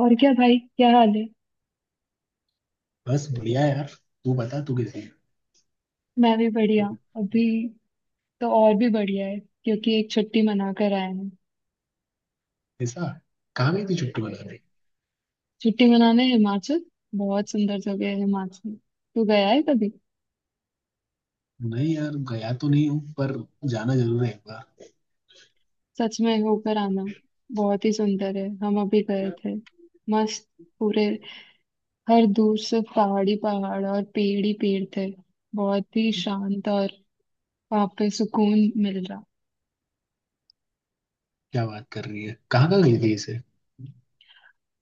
और क्या भाई, क्या हाल है। बस बढ़िया है यार। तू बता, तू कैसी है? मैं भी बढ़िया। अभी तो और भी बढ़िया है, क्योंकि एक छुट्टी मना कर आए हैं। ऐसा? कहाँ गई थी छुट्टी बना रही? छुट्टी मनाने हिमाचल। बहुत सुंदर जगह है हिमाचल। तू गया है कभी। नहीं यार, गया तो नहीं हूँ पर जाना जरूर है एक बार। सच में होकर आना, बहुत ही सुंदर है। हम अभी गए थे। मस्त, पूरे, हर दूर से पहाड़ी पहाड़ और पेड़ ही पेड़ थे। बहुत ही शांत, और वहाँ पे सुकून मिल रहा। क्या बात कर रही है, कहाँ कहाँ गई थी इसे?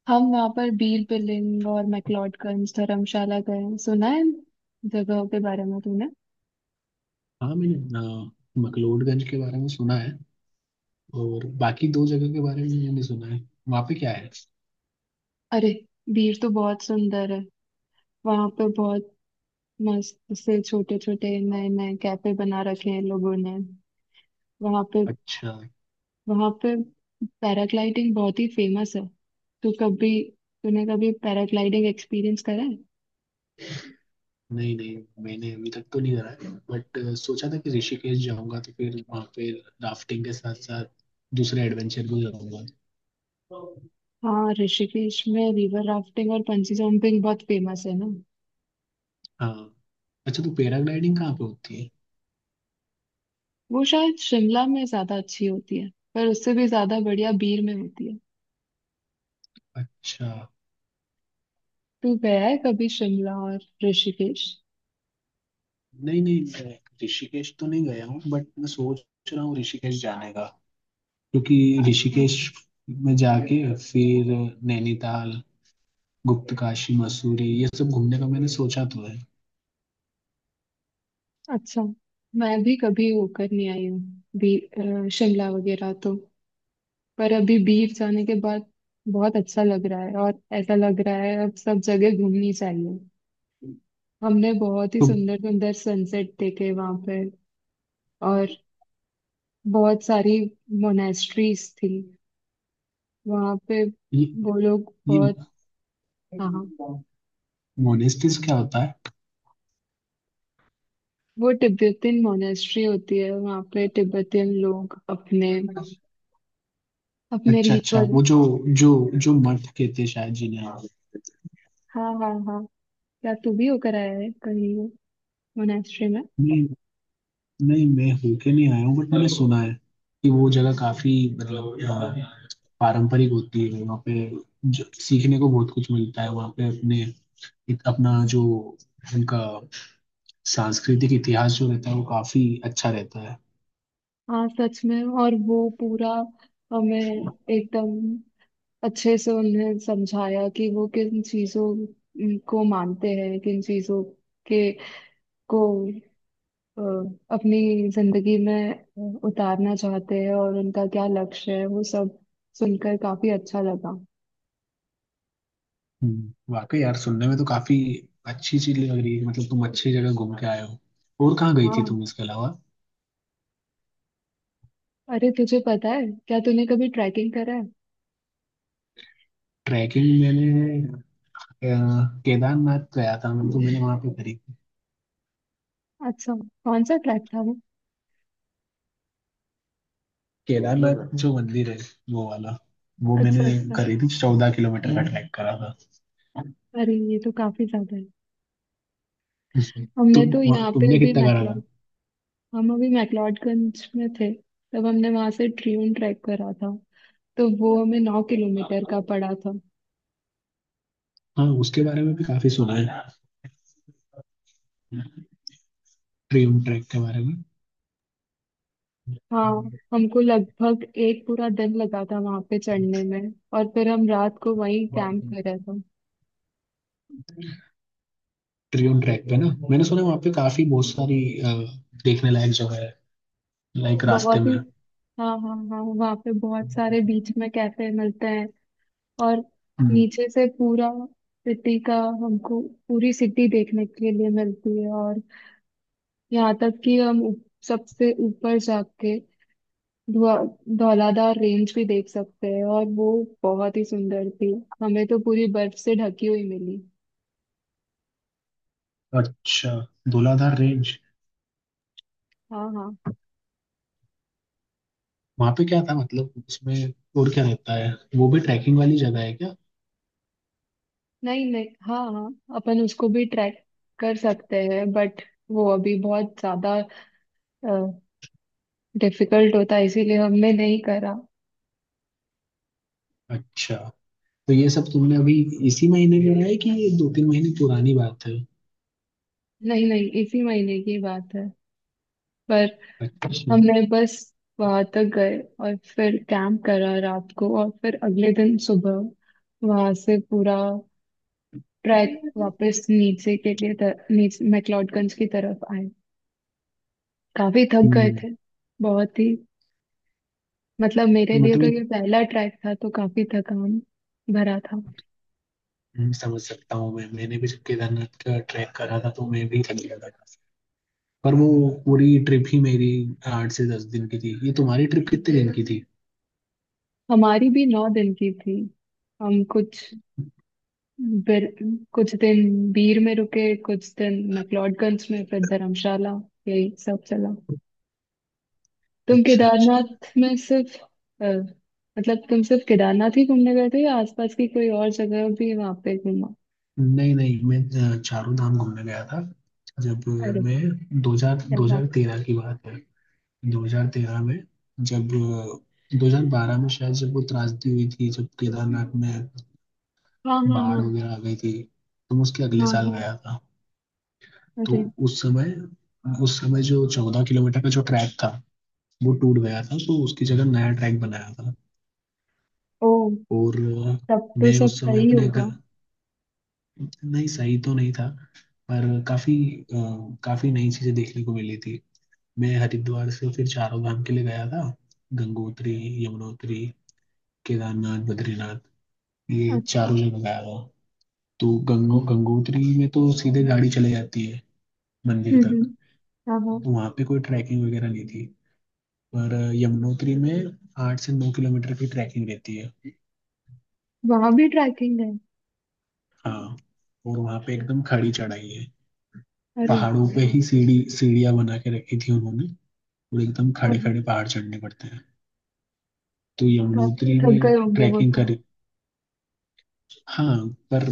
हम वहाँ पर बीर बिलिंग और मैक्लोडगंज धर्मशाला गए। सुना है इन जगहों के बारे में तूने। हाँ, मैंने मकलोडगंज के बारे में सुना है और बाकी दो जगह के बारे में मैंने सुना है। वहाँ पे क्या है? अरे, बीर तो बहुत सुंदर है। वहां पर बहुत मस्त से छोटे छोटे नए नए कैफे बना रखे हैं लोगों ने वहां पे। अच्छा। वहां पे पैराग्लाइडिंग बहुत ही फेमस है। तू कभी, तूने कभी पैराग्लाइडिंग एक्सपीरियंस करा है। नहीं नहीं, मैंने अभी तक तो नहीं करा है बट सोचा था कि ऋषिकेश जाऊंगा तो फिर वहाँ पे राफ्टिंग के साथ साथ दूसरे एडवेंचर भी करूंगा। हाँ, ऋषिकेश में रिवर राफ्टिंग और पंची जंपिंग बहुत फेमस है ना। हाँ। अच्छा, तो पैराग्लाइडिंग कहाँ पे होती है? वो शायद शिमला में ज्यादा अच्छी होती है, पर उससे भी ज्यादा बढ़िया बीर में होती है। अच्छा। तू गया है कभी शिमला और ऋषिकेश। नहीं नहीं, मैं ऋषिकेश तो नहीं गया हूँ बट मैं सोच रहा हूँ ऋषिकेश जाने का, क्योंकि अच्छा, ऋषिकेश में जाके फिर नैनीताल, गुप्त काशी, मसूरी ये सब घूमने का मैंने सोचा तो है। अच्छा। मैं भी कभी होकर नहीं आई हूँ शिमला वगैरह तो, पर अभी बीफ जाने के बाद बहुत अच्छा लग रहा है। और ऐसा लग रहा है अब सब जगह घूमनी चाहिए। हमने बहुत ही तो सुंदर सुंदर सनसेट देखे वहां पे। और बहुत सारी मोनेस्ट्रीज थी वहां पे। ये वो लोग ये बहुत, हाँ, मोनेस्टिस क्या होता है? वो तिब्बतियन मोनेस्ट्री होती है। वहां पे तिब्बतियन लोग अपने अपने अच्छा अच्छा, रिचुअल। वो जो जो जो मठ कहते हैं शायद जिन्हें। हाँ हाँ हाँ। क्या तू भी होकर आया है कहीं मोनेस्ट्री में। नहीं नहीं, मैं होके नहीं आया हूँ बट मैंने सुना है कि वो जगह काफी मतलब पारंपरिक होती है वहाँ पे। जो सीखने को बहुत कुछ मिलता है वहाँ पे अपने अपना जो उनका सांस्कृतिक इतिहास जो रहता है वो काफी अच्छा रहता है। हाँ, सच में। और वो पूरा हमें एकदम अच्छे से उन्हें समझाया कि वो किन चीजों को मानते हैं, किन चीजों के को अ, अपनी जिंदगी में उतारना चाहते हैं और उनका क्या लक्ष्य है। वो सब सुनकर काफी अच्छा लगा। वाकई यार, सुनने में तो काफी अच्छी चीज लग रही है। मतलब तुम अच्छी जगह घूम के आए हो। और कहाँ गई थी हाँ, तुम इसके अलावा? अरे तुझे पता है, क्या तूने कभी ट्रैकिंग करा है। ट्रैकिंग मैंने अ, केदारनाथ गया था, मतलब मैंने वहाँ पे करी। अच्छा, कौन सा ट्रैक था वो। केदारनाथ जो मंदिर है वो वाला वो अच्छा मैंने अच्छा। करी थी, 14 किलोमीटर का ट्रैक करा था। अरे, ये तो काफी ज्यादा है। हमने तो यहाँ पे तुमने भी कितना करा मैक्लोडगंज, था? हम अभी मैक्लोडगंज में थे तब हमने वहां से ट्रियून ट्रैक करा था। तो वो हमें 9 किलोमीटर का पड़ा था। हाँ उसके बारे में भी काफी सुना है, ट्रियोन ट्रैक के बारे में। हाँ, हमको लगभग एक पूरा दिन लगा था वहां पे चढ़ने में। और फिर हम रात को वहीं कैंप करा था। ट्रियोन ट्रैक पे ना मैंने सुना है वहाँ पे काफी बहुत सारी देखने लायक जगह है, लाइक रास्ते बहुत ही, में। हाँ हाँ हाँ, वहाँ पे बहुत सारे बीच में कैफे मिलते हैं। और हम्म। नीचे से पूरा सिटी का हमको, पूरी सिटी देखने के लिए मिलती है। और यहाँ तक कि हम सबसे ऊपर जाके धौलाधार रेंज भी देख सकते हैं। और वो बहुत ही सुंदर थी। हमें तो पूरी बर्फ से ढकी हुई मिली। अच्छा, धौलाधार रेंज। हाँ हाँ। वहाँ पे क्या था, मतलब उसमें और क्या रहता है? वो भी ट्रैकिंग वाली जगह है क्या? नहीं नहीं, हाँ हाँ, अपन उसको भी ट्रैक कर सकते हैं बट वो अभी बहुत ज्यादा डिफिकल्ट होता है, इसीलिए हमने नहीं करा। अच्छा, तो ये सब तुमने अभी इसी महीने करा है कि ये दो तीन महीने पुरानी बात है? नहीं नहीं, इसी महीने की बात है। पर अच्छा। हमने बस वहां तक गए, और फिर कैंप करा रात को और फिर अगले दिन सुबह वहां से पूरा ट्रैक वापस नीचे के लिए, नीचे मैक्लोडगंज की तरफ आए। काफी थक गए हम्म थे। बहुत ही, मतलब मेरे तो लिए मतलब तो ये। ये पहला ट्रैक था, तो काफी थकान भरा था। समझ सकता हूँ मैं। मैंने भी जब केदारनाथ का ट्रैक करा था तो मैं भी थक गया था, पर वो पूरी ट्रिप ही मेरी 8 से 10 दिन की थी। ये तुम्हारी ट्रिप कितने दिन की थी? हमारी भी 9 दिन की थी। हम कुछ बिर, कुछ दिन बीर में रुके, कुछ दिन मैक्लोडगंज में, फिर धर्मशाला। यही सब चला। तुम अच्छा अच्छा। केदारनाथ में सिर्फ, अ, मतलब तुम सिर्फ केदारनाथ ही घूमने गए थे या आसपास की कोई और जगह भी वहां पे घूमा। नहीं नहीं, मैं चारों धाम घूमने गया था। जब अरे, मैं 2000 क्या। 2013 की बात है। 2013 में जब 2012 में शायद जब वो त्रासदी हुई थी जब केदारनाथ में हाँ हाँ बाढ़ हाँ। वगैरह आ गई थी, तो मैं उसके अगले हाँ साल हाँ। गया था। तो अरे। उस समय, उस समय जो 14 किलोमीटर का जो ट्रैक था वो टूट गया था तो उसकी जगह नया ट्रैक बनाया था। ओ, और तब तो मैं सब उस समय सही अपने होगा। घर। नहीं सही तो नहीं था पर काफी काफी नई चीजें देखने को मिली थी। मैं हरिद्वार से फिर चारों धाम के लिए गया था, गंगोत्री, यमुनोत्री, केदारनाथ, बद्रीनाथ, ये अच्छा। चारों जगह गया था। तो हम्म गंगोत्री में तो सीधे गाड़ी चले जाती है मंदिर हम्म। तक। हाँ हाँ, तो वहां पे कोई ट्रैकिंग वगैरह नहीं थी, पर यमुनोत्री में 8 से 9 किलोमीटर की ट्रैकिंग रहती है। वहां भी ट्रैकिंग है। हाँ। और वहाँ पे एकदम खड़ी चढ़ाई है। अरे। पहाड़ों पे ही सीढ़ी सीढ़ियाँ बना के रखी थी उन्होंने, और एकदम हाँ खड़े हाँ। खड़े पहाड़ चढ़ने पड़ते हैं। तो काफी यमुनोत्री थक में गए होंगे वो ट्रैकिंग तो। करी। हाँ, पर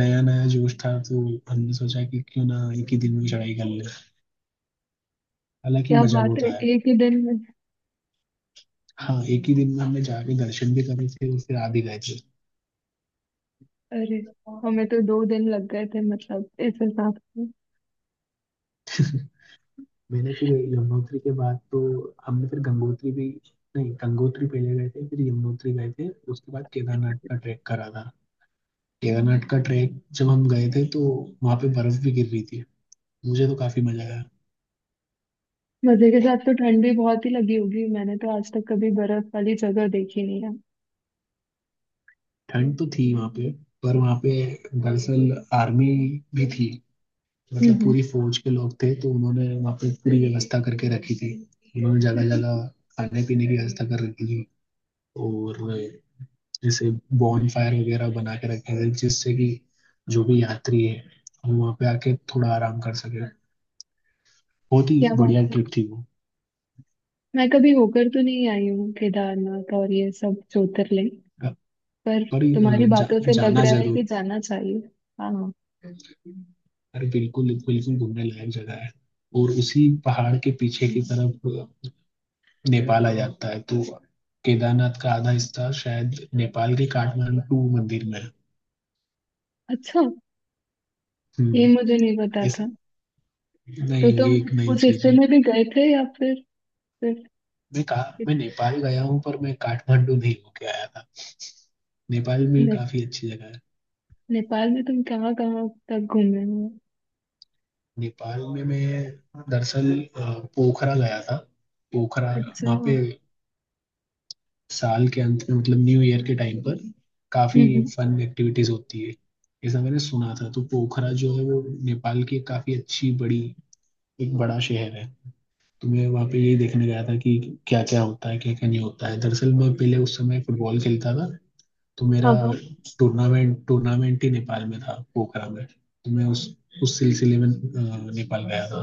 नया नया जोश था तो हमने सोचा कि क्यों ना एक ही दिन में चढ़ाई कर ले। हालांकि क्या मजा बात बहुत है, आया। एक ही दिन में। हाँ, एक ही दिन में हमने जाके दर्शन भी करे थे और फिर आ भी गए थे। अरे, हमें तो 2 दिन लग गए थे मतलब, इस हिसाब से। मैंने फिर यमुनोत्री के बाद तो हमने फिर गंगोत्री भी। नहीं, गंगोत्री पहले गए थे फिर यमुनोत्री गए थे, उसके बाद केदारनाथ का ट्रैक करा था। केदारनाथ का ट्रैक जब हम गए थे तो वहाँ पे बर्फ भी गिर रही थी। मुझे तो काफी मजा आया। मजे के साथ तो ठंड भी बहुत ही लगी होगी। मैंने तो आज तक कभी बर्फ वाली जगह देखी नहीं है। ठंड तो थी वहाँ पे, पर वहाँ पे दरअसल आर्मी भी थी। हम्म, मतलब पूरी फौज के लोग थे तो उन्होंने वहाँ पे पूरी व्यवस्था करके रखी थी। उन्होंने जगह जगह खाने पीने की व्यवस्था कर रखी थी। और जैसे बॉनफायर वगैरह बना के रखे हैं जिससे कि जो भी यात्री है वो वहाँ पे आके थोड़ा आराम कर सके। बहुत ही क्या बढ़िया बात है। ट्रिप थी वो। मैं कभी होकर तो नहीं आई हूँ केदारनाथ और ये सब ज्योतिर्लिंग, पर पर तुम्हारी बातों से लग जाना रहा है जरूर। कि जाना चाहिए। हाँ। अरे, बिल्कुल बिल्कुल, घूमने लायक जगह है। और उसी पहाड़ के पीछे की तरफ नेपाल आ जाता है तो केदारनाथ का आधा हिस्सा शायद नेपाल के काठमांडू मंदिर में है। अच्छा, ये हम्म। मुझे नहीं पता इस था। तो नहीं, तुम ये एक नई उस चीज हिस्से है। में भी गए थे या फिर सिर्फ, मैं कहा इत- मैं नेपाल गया हूँ पर मैं काठमांडू नहीं होके आया था। नेपाल में ने, काफी अच्छी जगह है। नेपाल में तुम कहाँ कहाँ तक घूमे हुए हो? नेपाल में मैं दरअसल पोखरा गया था, पोखरा। अच्छा। वहाँ पे साल के अंत में मतलब न्यू ईयर के टाइम पर काफी हम्म। फन एक्टिविटीज होती है, ऐसा मैंने सुना था। तो पोखरा जो है वो नेपाल की एक काफी अच्छी बड़ी एक बड़ा शहर है। तो मैं वहाँ पे यही देखने गया था कि क्या क्या होता है क्या क्या नहीं होता है। दरअसल मैं पहले उस समय फुटबॉल खेलता था तो मेरा हाँ हाँ। टूर्नामेंट टूर्नामेंट ही नेपाल में था, पोखरा में। तो मैं उस सिलसिले में नेपाल गया था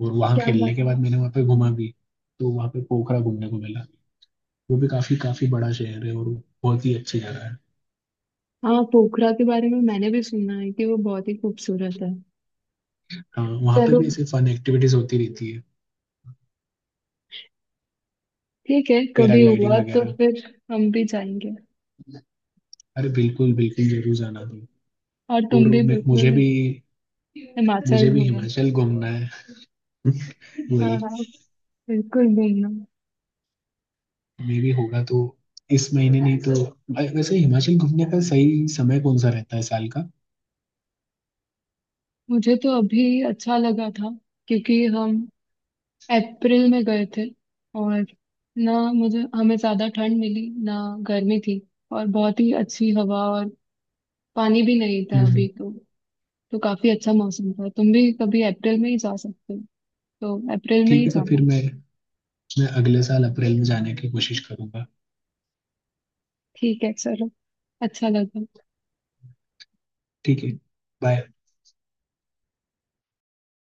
और वहाँ क्या खेलने बात के है। बाद मैंने वहाँ पे घूमा भी। तो वहाँ पे पोखरा घूमने को मिला। वो भी काफी काफी बड़ा शहर है और वो बहुत ही अच्छी जगह है। हाँ, पोखरा के बारे में मैंने भी सुना है कि वो बहुत ही खूबसूरत है। हाँ, वहाँ पे चलो, भी ऐसे फन एक्टिविटीज होती रहती है, ठीक है, कभी पैराग्लाइडिंग हुआ तो वगैरह। फिर हम भी जाएंगे। अरे बिल्कुल बिल्कुल, जरूर जाना तुम। और तुम और भी मुझे बिल्कुल भी, मुझे हिमाचल भी घूमना। हिमाचल घूमना है। हाँ हाँ, वही बिल्कुल घूमना। मे भी होगा तो। इस महीने नहीं तो वैसे हिमाचल घूमने का सही समय कौन सा रहता है साल का? मुझे तो अभी अच्छा लगा था, क्योंकि हम अप्रैल में गए थे। और ना मुझे, हमें ज्यादा ठंड मिली ना गर्मी थी। और बहुत ही अच्छी हवा, और पानी भी नहीं था अभी हम्म। तो। तो काफी अच्छा मौसम था। तुम भी कभी अप्रैल में ही जा सकते हो, तो अप्रैल में ठीक ही है, तो फिर जाना। मैं अगले साल अप्रैल में जाने की कोशिश करूंगा। ठीक है, चलो, अच्छा लगा। ठीक है। बाय।